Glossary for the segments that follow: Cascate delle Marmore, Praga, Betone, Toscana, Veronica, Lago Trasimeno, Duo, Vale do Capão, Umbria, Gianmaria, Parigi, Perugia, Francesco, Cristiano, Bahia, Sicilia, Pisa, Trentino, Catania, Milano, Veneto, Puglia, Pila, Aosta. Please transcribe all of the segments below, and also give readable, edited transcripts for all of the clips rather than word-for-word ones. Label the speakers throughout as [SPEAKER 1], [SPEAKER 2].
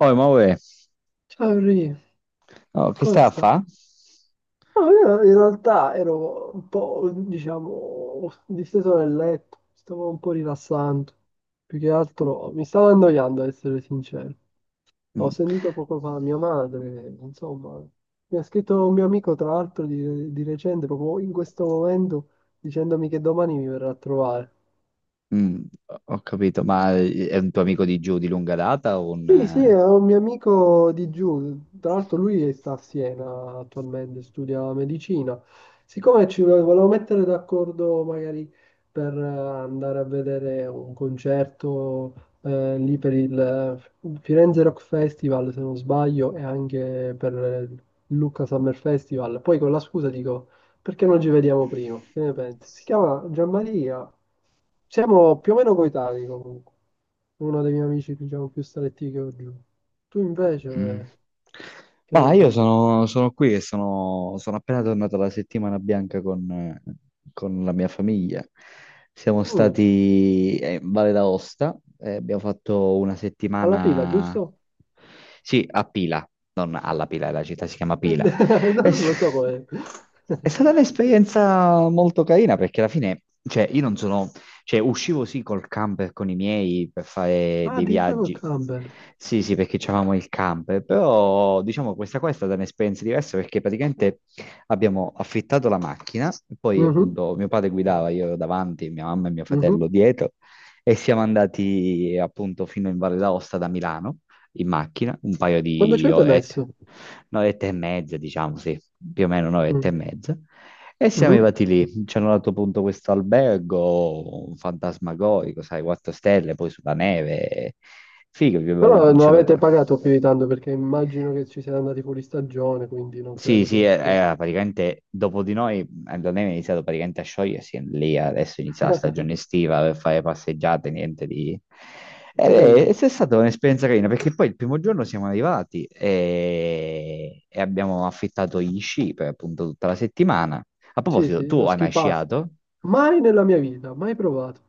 [SPEAKER 1] Oh, ma uè,
[SPEAKER 2] Ciao Ri,
[SPEAKER 1] oh, che
[SPEAKER 2] come
[SPEAKER 1] stai a
[SPEAKER 2] stai?
[SPEAKER 1] fa?
[SPEAKER 2] No, io in realtà ero un po', diciamo, disteso nel letto, stavo un po' rilassando. Più che altro mi stavo annoiando, ad essere sincero. Ho
[SPEAKER 1] Mm,
[SPEAKER 2] sentito poco fa mia madre, insomma, mi ha scritto un mio amico, tra l'altro, di recente, proprio in questo momento, dicendomi che domani mi verrà a trovare.
[SPEAKER 1] mm, ho capito, ma è un tuo amico di giù di lunga data o un,
[SPEAKER 2] Sì, sì, è un mio amico di giù, tra l'altro lui sta a Siena attualmente, studia medicina. Siccome volevo mettere d'accordo magari per andare a vedere un concerto lì per il Firenze Rock Festival, se non sbaglio, e anche per il Lucca Summer Festival, poi con la scusa dico, perché non ci vediamo prima? Che ne pensi? Si chiama Gianmaria. Siamo più o meno coetanei comunque. Uno dei miei amici, diciamo, più stretti che ho giù. Tu
[SPEAKER 1] mm.
[SPEAKER 2] invece, che
[SPEAKER 1] Ma
[SPEAKER 2] ne
[SPEAKER 1] io
[SPEAKER 2] dici?
[SPEAKER 1] sono, sono qui e sono appena tornato la settimana bianca con la mia famiglia. Siamo
[SPEAKER 2] Mm,
[SPEAKER 1] stati in Valle d'Aosta e abbiamo fatto una
[SPEAKER 2] alla pila,
[SPEAKER 1] settimana,
[SPEAKER 2] giusto?
[SPEAKER 1] sì, a Pila, non alla Pila, la città si chiama Pila. È,
[SPEAKER 2] Non lo so
[SPEAKER 1] s-
[SPEAKER 2] com'è.
[SPEAKER 1] è stata un'esperienza molto carina perché alla fine, cioè, io non sono, cioè, uscivo sì col camper con i miei per fare
[SPEAKER 2] Ah,
[SPEAKER 1] dei
[SPEAKER 2] addirittura col
[SPEAKER 1] viaggi.
[SPEAKER 2] camper.
[SPEAKER 1] Sì, sì, perché c'avevamo il camper, però diciamo questa qua è stata un'esperienza diversa perché praticamente abbiamo affittato la macchina, poi
[SPEAKER 2] Mhm,
[SPEAKER 1] appunto mio padre guidava, io ero davanti, mia mamma e mio
[SPEAKER 2] mhm.
[SPEAKER 1] fratello dietro e siamo andati appunto fino in Valle d'Aosta da Milano in macchina, un paio
[SPEAKER 2] Quanto ci
[SPEAKER 1] di
[SPEAKER 2] avete
[SPEAKER 1] orette,
[SPEAKER 2] messo?
[SPEAKER 1] un'oretta e mezza, diciamo, sì, più o meno un'oretta e
[SPEAKER 2] Mm,
[SPEAKER 1] mezza. E siamo
[SPEAKER 2] mhm.
[SPEAKER 1] arrivati lì, ci hanno dato appunto questo albergo fantasmagorico, sai, 4 stelle, poi sulla neve, figo,
[SPEAKER 2] Però non
[SPEAKER 1] ci hanno
[SPEAKER 2] avete
[SPEAKER 1] dato...
[SPEAKER 2] pagato più di tanto perché immagino che ci siete andati fuori stagione, quindi non
[SPEAKER 1] Sì,
[SPEAKER 2] credo
[SPEAKER 1] sì,
[SPEAKER 2] che...
[SPEAKER 1] era praticamente dopo di noi, Andronema è iniziato praticamente a sciogliersi, e lì adesso inizia la
[SPEAKER 2] Ho
[SPEAKER 1] stagione estiva per fare passeggiate, niente di...
[SPEAKER 2] capito.
[SPEAKER 1] è stata un'esperienza carina, perché poi il primo giorno siamo arrivati e abbiamo affittato gli sci per appunto tutta la settimana. A
[SPEAKER 2] Sì,
[SPEAKER 1] proposito,
[SPEAKER 2] sì,
[SPEAKER 1] tu
[SPEAKER 2] lo
[SPEAKER 1] hai
[SPEAKER 2] ski
[SPEAKER 1] mai
[SPEAKER 2] pass.
[SPEAKER 1] sciato?
[SPEAKER 2] Mai nella mia vita, mai provato.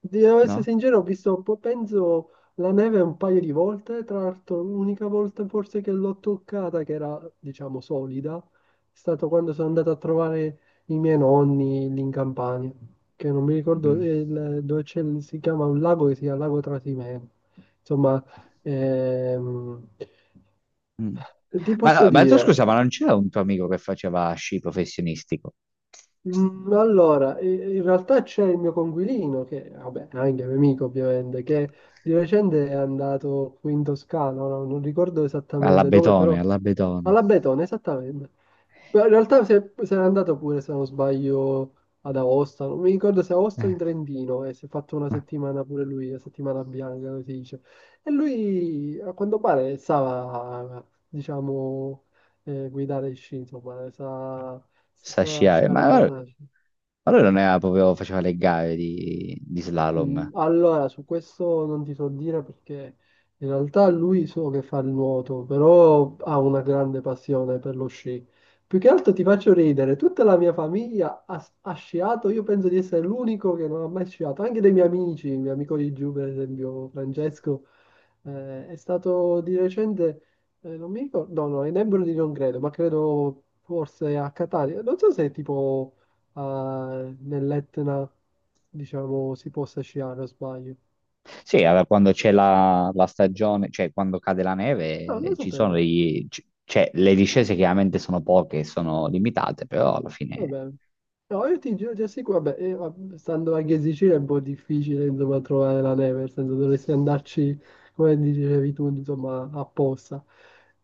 [SPEAKER 2] Devo essere
[SPEAKER 1] No?
[SPEAKER 2] sincero, ho visto, penso, la neve un paio di volte, tra l'altro l'unica volta forse che l'ho toccata, che era, diciamo, solida, è stato quando sono andato a trovare i miei nonni lì in Campania, che non mi ricordo
[SPEAKER 1] Mm,
[SPEAKER 2] dove c'è, si chiama un lago che si chiama Lago Trasimeno. Insomma, ehm,
[SPEAKER 1] mm.
[SPEAKER 2] ti
[SPEAKER 1] Ma
[SPEAKER 2] posso
[SPEAKER 1] no, ma tu
[SPEAKER 2] dire...
[SPEAKER 1] scusa, ma non c'era un tuo amico che faceva sci professionistico?
[SPEAKER 2] Mm, Allora, in realtà c'è il mio coinquilino, che vabbè, è anche mio amico ovviamente, che di recente è andato qui in Toscana, ora non ricordo
[SPEAKER 1] Alla
[SPEAKER 2] esattamente dove,
[SPEAKER 1] Betone,
[SPEAKER 2] però
[SPEAKER 1] alla Betone.
[SPEAKER 2] alla Betone, esattamente. Però in realtà se n'è andato pure, se non sbaglio, ad Aosta, non mi ricordo se Aosta o
[SPEAKER 1] Eh.
[SPEAKER 2] in Trentino, e si è fatto una settimana pure lui, la settimana bianca, come si dice. E lui, a quanto pare, stava, diciamo, guidare sci, insomma, sa sì
[SPEAKER 1] Sa
[SPEAKER 2] sì
[SPEAKER 1] sciare, ma
[SPEAKER 2] alla
[SPEAKER 1] allora,
[SPEAKER 2] bassa.
[SPEAKER 1] allora non era proprio, faceva le gare di slalom.
[SPEAKER 2] Mm, Allora, su questo non ti so dire perché in realtà lui so che fa il nuoto, però ha una grande passione per lo sci. Più che altro ti faccio ridere, tutta la mia famiglia ha sciato, io penso di essere l'unico che non ha mai sciato, anche dei miei amici, il mio amico di giù, per esempio Francesco, è stato di recente, non mi ricordo, no, no, in Embro non credo, ma credo forse a Catania, non so se tipo nell'Etna diciamo, si possa sciare, o sbaglio.
[SPEAKER 1] Sì, allora quando c'è la stagione, cioè quando cade la
[SPEAKER 2] No,
[SPEAKER 1] neve,
[SPEAKER 2] non lo
[SPEAKER 1] ci sono
[SPEAKER 2] sapevo.
[SPEAKER 1] degli, cioè, le discese chiaramente sono poche, sono limitate, però alla fine
[SPEAKER 2] Vabbè. No, io ti giuro, ti assicuro, vabbè, stando anche in Sicilia è un po' difficile, insomma, trovare la neve, nel senso dovresti andarci, come dicevi tu, insomma, apposta.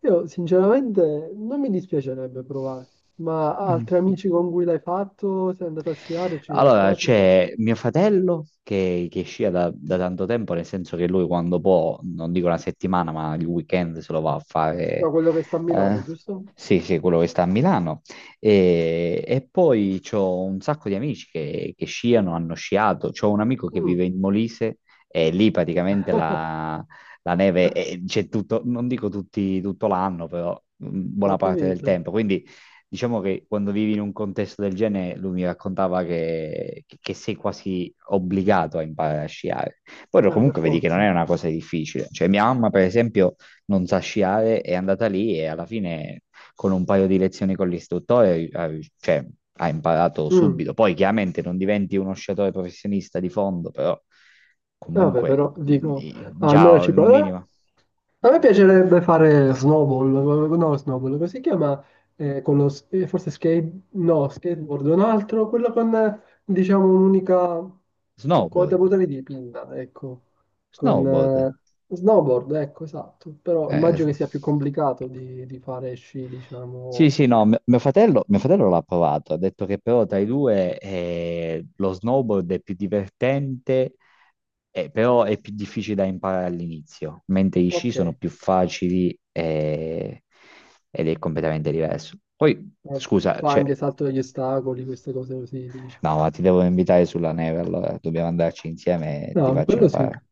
[SPEAKER 2] Io, sinceramente, non mi dispiacerebbe provare, ma
[SPEAKER 1] mm.
[SPEAKER 2] altri amici con cui l'hai fatto, sei andato a sciare, ci sono
[SPEAKER 1] Allora,
[SPEAKER 2] stati?
[SPEAKER 1] c'è mio fratello che scia da, da tanto tempo, nel senso che lui quando può, non dico una settimana, ma il weekend se lo va a fare.
[SPEAKER 2] No, quello che sta a
[SPEAKER 1] Eh,
[SPEAKER 2] Milano, giusto?
[SPEAKER 1] sì, sì, quello che sta a Milano. E poi c'ho un sacco di amici che sciano, hanno sciato. C'ho un amico che
[SPEAKER 2] Mm.
[SPEAKER 1] vive in Molise e lì praticamente la c'è tutto, non dico tutti, tutto l'anno, però buona
[SPEAKER 2] Ho
[SPEAKER 1] parte del
[SPEAKER 2] capito.
[SPEAKER 1] tempo. Quindi diciamo che quando vivi in un contesto del genere, lui mi raccontava che sei quasi obbligato a imparare a sciare. Poi
[SPEAKER 2] Per
[SPEAKER 1] comunque vedi che non
[SPEAKER 2] forza.
[SPEAKER 1] è una cosa difficile. Cioè, mia mamma, per esempio, non sa sciare, è andata lì e alla fine, con un paio di lezioni con l'istruttore, ha, cioè, ha imparato
[SPEAKER 2] Mm.
[SPEAKER 1] subito. Poi chiaramente non diventi uno sciatore professionista di fondo, però
[SPEAKER 2] Vabbè,
[SPEAKER 1] comunque
[SPEAKER 2] però dico,
[SPEAKER 1] già
[SPEAKER 2] almeno ci
[SPEAKER 1] un
[SPEAKER 2] provo.
[SPEAKER 1] minimo.
[SPEAKER 2] A me piacerebbe fare snowball, no, snowball, come si chiama? Con lo, forse skate, no, skateboard, un altro, quello con, diciamo, un'unica quota
[SPEAKER 1] Snowboard,
[SPEAKER 2] potere di pinna, ecco, con
[SPEAKER 1] snowboard.
[SPEAKER 2] snowboard, ecco, esatto, però
[SPEAKER 1] Eh,
[SPEAKER 2] immagino che sia più complicato di fare sci,
[SPEAKER 1] Sì,
[SPEAKER 2] diciamo,
[SPEAKER 1] sì, no, mio fratello l'ha provato, ha detto che però tra i due lo snowboard è più divertente, però è più difficile da imparare all'inizio, mentre i sci
[SPEAKER 2] ok.
[SPEAKER 1] sono più facili ed è completamente diverso. Poi, scusa,
[SPEAKER 2] Fa
[SPEAKER 1] cioè,
[SPEAKER 2] anche salto degli ostacoli, queste cose così, diciamo.
[SPEAKER 1] no, ma ti devo invitare sulla neve, allora dobbiamo andarci insieme e ti
[SPEAKER 2] No,
[SPEAKER 1] faccio
[SPEAKER 2] quello sì.
[SPEAKER 1] imparare.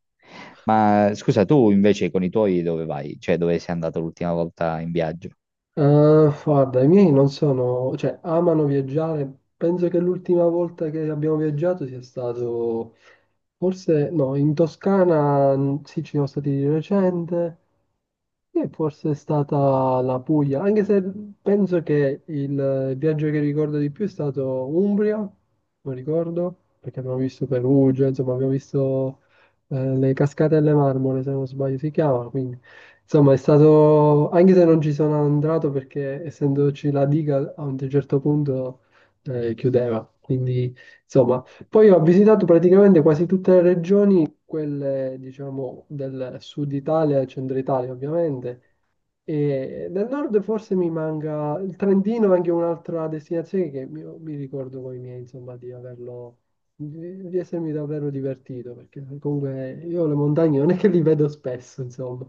[SPEAKER 1] Ma scusa, tu invece con i tuoi dove vai? Cioè, dove sei andato l'ultima volta in viaggio?
[SPEAKER 2] Guarda, i miei non sono, cioè, amano viaggiare. Penso che l'ultima volta che abbiamo viaggiato sia stato, forse, no, in Toscana, mm, sì, ci siamo stati di recente. Sì, forse è stata la Puglia, anche se penso che il viaggio che ricordo di più è stato Umbria, non ricordo, perché abbiamo visto Perugia, insomma abbiamo visto le cascate alle marmore, se non sbaglio si chiama, quindi insomma è stato, anche se non ci sono andato perché essendoci la diga a un certo punto chiudeva, quindi insomma poi ho visitato praticamente quasi tutte le regioni quelle diciamo del sud Italia e centro Italia ovviamente. E del nord forse mi manca il Trentino, è anche un'altra destinazione che mi ricordo con i miei, insomma, di averlo, di essermi davvero divertito, perché comunque io le montagne non è che li vedo spesso, insomma.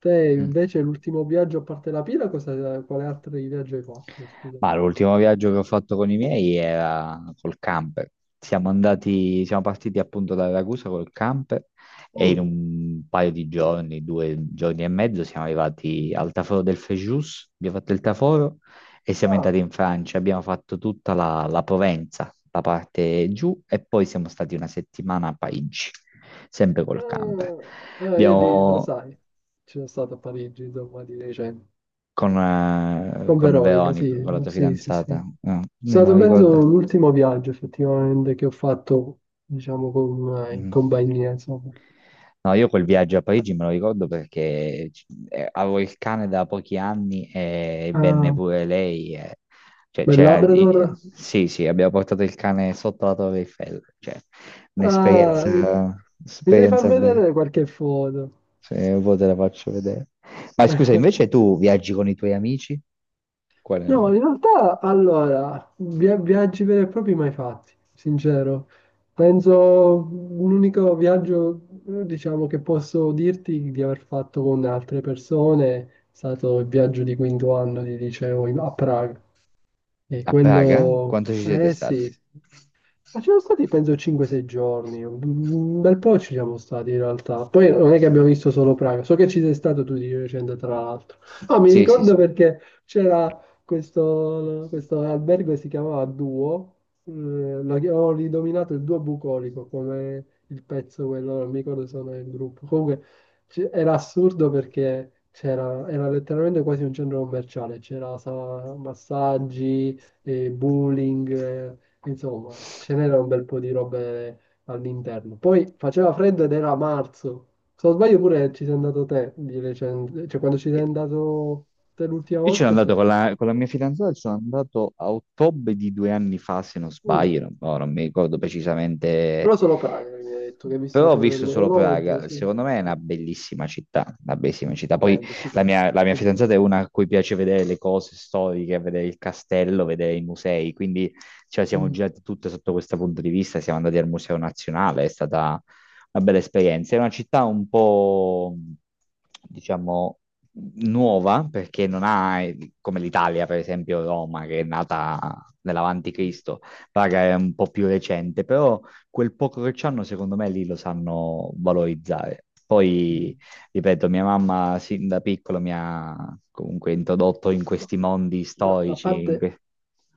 [SPEAKER 2] Te invece l'ultimo viaggio a parte la Pila, cosa, quale altro viaggio hai fatto? Scusami.
[SPEAKER 1] Ma l'ultimo viaggio che ho fatto con i miei era col camper. Siamo andati, siamo partiti appunto da Ragusa col camper e in
[SPEAKER 2] Mm,
[SPEAKER 1] un paio di giorni, due giorni e mezzo, siamo arrivati al Taforo del Frejus, abbiamo fatto il Taforo e siamo
[SPEAKER 2] Ah,
[SPEAKER 1] entrati in Francia. Abbiamo fatto tutta la Provenza, la parte giù e poi siamo stati una settimana a Parigi, sempre col camper.
[SPEAKER 2] io lo
[SPEAKER 1] Abbiamo
[SPEAKER 2] sai, ci sono stato a Parigi, insomma, di recente. Con
[SPEAKER 1] con
[SPEAKER 2] Veronica,
[SPEAKER 1] Veronica,
[SPEAKER 2] sì,
[SPEAKER 1] con la tua
[SPEAKER 2] sì, sì, sì. È
[SPEAKER 1] fidanzata, no, non me lo
[SPEAKER 2] stato
[SPEAKER 1] ricorda.
[SPEAKER 2] penso l'ultimo viaggio effettivamente che ho fatto, diciamo, con, in
[SPEAKER 1] Mm.
[SPEAKER 2] compagnia, insomma.
[SPEAKER 1] No, io quel viaggio a Parigi me lo ricordo perché avevo il cane da pochi anni e venne
[SPEAKER 2] Ah,
[SPEAKER 1] pure lei. Cioè,
[SPEAKER 2] bel Labrador.
[SPEAKER 1] sì, sì, abbiamo portato il cane sotto la Torre Eiffel. Cioè,
[SPEAKER 2] Ah,
[SPEAKER 1] un'esperienza,
[SPEAKER 2] mi devi far
[SPEAKER 1] esperienza bella.
[SPEAKER 2] vedere qualche foto.
[SPEAKER 1] Se un po' te la faccio vedere. Ma scusa, invece tu viaggi con i tuoi amici?
[SPEAKER 2] No,
[SPEAKER 1] Qual-?
[SPEAKER 2] in realtà, allora, viaggi veri e propri mai fatti, sincero. Penso l'unico viaggio, diciamo, che posso dirti di aver fatto con altre persone è stato il viaggio di quinto anno di liceo a Praga. E
[SPEAKER 1] A Praga?
[SPEAKER 2] quello,
[SPEAKER 1] Quanto ci siete
[SPEAKER 2] eh
[SPEAKER 1] stati?
[SPEAKER 2] sì, ma ci sono stati penso 5-6 giorni, un bel po' ci siamo stati in realtà. Poi non è che abbiamo visto solo Praga, so che ci sei stato tu di recente tra l'altro. Ah, mi
[SPEAKER 1] Sì, sì,
[SPEAKER 2] ricordo
[SPEAKER 1] sì.
[SPEAKER 2] perché c'era questo albergo che si chiamava Duo, eh, ho ridominato il Duo Bucolico come il pezzo quello, non mi ricordo se non è il gruppo. Comunque era assurdo perché c'era, era letteralmente quasi un centro commerciale, c'era massaggi e bowling, insomma, ce n'era un bel po' di robe all'interno. Poi faceva freddo ed era marzo. Se non sbaglio pure ci sei andato te di recente, cioè quando ci sei andato te l'ultima
[SPEAKER 1] Io ci sono
[SPEAKER 2] volta è
[SPEAKER 1] andato con
[SPEAKER 2] stato...
[SPEAKER 1] con la mia fidanzata, ci sono andato a ottobre di due anni fa, se non
[SPEAKER 2] Mm.
[SPEAKER 1] sbaglio, non, no, non mi ricordo precisamente,
[SPEAKER 2] Però solo Praga che mi hai detto che hai visto la
[SPEAKER 1] però ho
[SPEAKER 2] torre
[SPEAKER 1] visto solo
[SPEAKER 2] dell'orologio,
[SPEAKER 1] Praga,
[SPEAKER 2] sì.
[SPEAKER 1] secondo me è una
[SPEAKER 2] Sì.
[SPEAKER 1] bellissima città, una bellissima città. Poi
[SPEAKER 2] Stupendo, stupendo,
[SPEAKER 1] la mia fidanzata è
[SPEAKER 2] pulitissimo.
[SPEAKER 1] una a cui piace vedere le cose storiche, vedere il castello, vedere i musei, quindi ce la siamo
[SPEAKER 2] Mm,
[SPEAKER 1] girati tutte sotto questo punto di vista, siamo andati al Museo Nazionale, è stata una bella esperienza. È una città un po', diciamo, nuova perché non ha, come l'Italia, per esempio Roma, che è nata nell'avanti
[SPEAKER 2] mm,
[SPEAKER 1] Cristo, Praga è un po' più recente, però quel poco che c'hanno, secondo me, lì lo sanno valorizzare. Poi,
[SPEAKER 2] mm.
[SPEAKER 1] ripeto, mia mamma sin da piccolo mi ha comunque introdotto in
[SPEAKER 2] Ma,
[SPEAKER 1] questi mondi
[SPEAKER 2] ma a
[SPEAKER 1] storici, in
[SPEAKER 2] parte,
[SPEAKER 1] que-.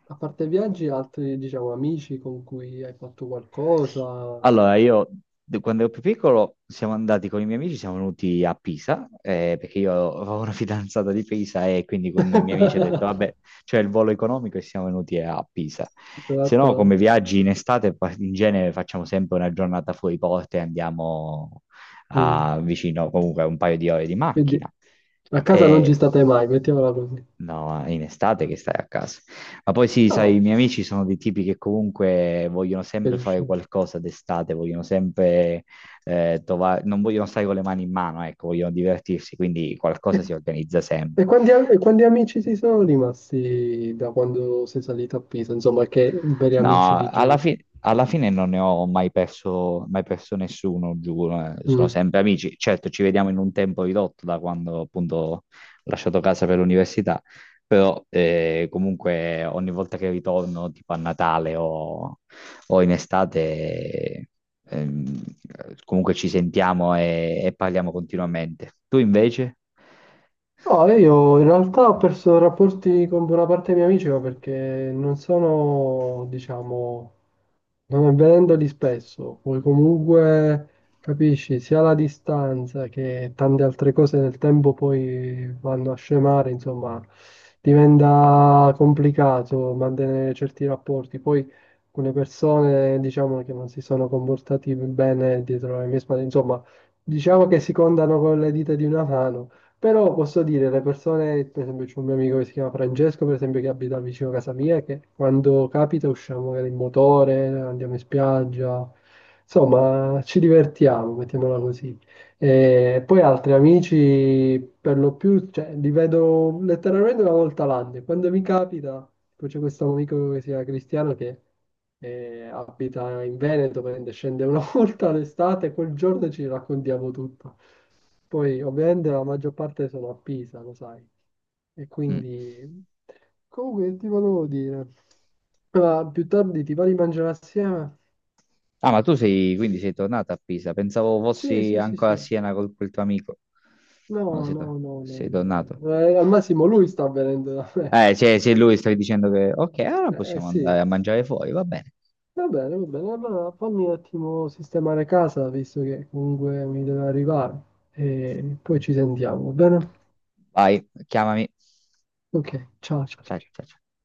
[SPEAKER 2] a parte viaggi, altri, diciamo, amici con cui hai fatto qualcosa?
[SPEAKER 1] Allora, io quando ero più piccolo siamo andati con i miei amici, siamo venuti a Pisa, perché io avevo una fidanzata di Pisa e quindi con i miei amici ho detto, vabbè, c'è il volo economico e siamo venuti a Pisa.
[SPEAKER 2] Hai
[SPEAKER 1] Se no,
[SPEAKER 2] fatto...
[SPEAKER 1] come viaggi in estate, in genere facciamo sempre una giornata fuori porta e andiamo
[SPEAKER 2] Mm.
[SPEAKER 1] a vicino, comunque un paio di ore di
[SPEAKER 2] Quindi
[SPEAKER 1] macchina.
[SPEAKER 2] a casa non ci
[SPEAKER 1] E...
[SPEAKER 2] state mai, mettiamola così.
[SPEAKER 1] No, in estate che stai a casa. Ma poi sì, sai, i
[SPEAKER 2] No,
[SPEAKER 1] miei amici sono dei tipi che comunque vogliono
[SPEAKER 2] per
[SPEAKER 1] sempre fare
[SPEAKER 2] uscire.
[SPEAKER 1] qualcosa d'estate, vogliono sempre trovare, non vogliono stare con le mani in mano, ecco, vogliono divertirsi, quindi
[SPEAKER 2] E,
[SPEAKER 1] qualcosa si organizza
[SPEAKER 2] e
[SPEAKER 1] sempre.
[SPEAKER 2] quanti, e quanti amici si sono rimasti da quando sei salito a Pisa? Insomma, che veri amici
[SPEAKER 1] No,
[SPEAKER 2] di giù.
[SPEAKER 1] alla fine non ne ho mai perso, mai perso nessuno, giuro. Eh. Sono
[SPEAKER 2] Mm.
[SPEAKER 1] sempre amici. Certo, ci vediamo in un tempo ridotto da quando appunto ho lasciato casa per l'università, però comunque ogni volta che ritorno, tipo a Natale o in estate, ehm, comunque ci sentiamo e parliamo continuamente. Tu invece?
[SPEAKER 2] No, io in realtà ho perso rapporti con buona parte dei miei amici, ma perché non sono, diciamo. Non avendoli spesso, poi comunque capisci sia la distanza che tante altre cose nel tempo poi vanno a scemare, insomma, diventa complicato mantenere certi rapporti. Poi alcune persone diciamo che non si sono comportati bene dietro le mie spalle, insomma, diciamo che si contano con le dita di una mano però posso dire, le persone, per esempio c'è un mio amico che si chiama Francesco, per esempio, che abita vicino a casa mia, che quando capita usciamo magari in motore, andiamo in spiaggia, insomma ci divertiamo, mettiamola così. E poi altri amici, per lo più, cioè, li vedo letteralmente una volta l'anno. E quando mi capita, poi c'è questo amico che si chiama Cristiano che abita in Veneto, prende, scende una volta all'estate e quel giorno ci raccontiamo tutto. Poi ovviamente la maggior parte sono a Pisa, lo sai. E
[SPEAKER 1] Mm.
[SPEAKER 2] quindi... Comunque ti volevo dire... Ma più tardi ti va di mangiare assieme?
[SPEAKER 1] Ah, ma tu sei, quindi sei tornata a Pisa. Pensavo
[SPEAKER 2] Sì,
[SPEAKER 1] fossi
[SPEAKER 2] sì, sì,
[SPEAKER 1] ancora a
[SPEAKER 2] sì.
[SPEAKER 1] Siena col quel tuo amico. No,
[SPEAKER 2] No,
[SPEAKER 1] sei,
[SPEAKER 2] no, no, no,
[SPEAKER 1] sei
[SPEAKER 2] no,
[SPEAKER 1] tornato.
[SPEAKER 2] no. Al massimo lui sta venendo da me.
[SPEAKER 1] Se lui stai dicendo che, ok, allora possiamo andare
[SPEAKER 2] Sì.
[SPEAKER 1] a mangiare fuori, va bene.
[SPEAKER 2] Va bene, va bene. Allora fammi un attimo sistemare casa, visto che comunque mi deve arrivare. E poi ci sentiamo, va bene?
[SPEAKER 1] Vai, chiamami.
[SPEAKER 2] Ok, ciao, ciao, ciao.
[SPEAKER 1] Ciao,
[SPEAKER 2] Ciao.
[SPEAKER 1] ciao, ciao.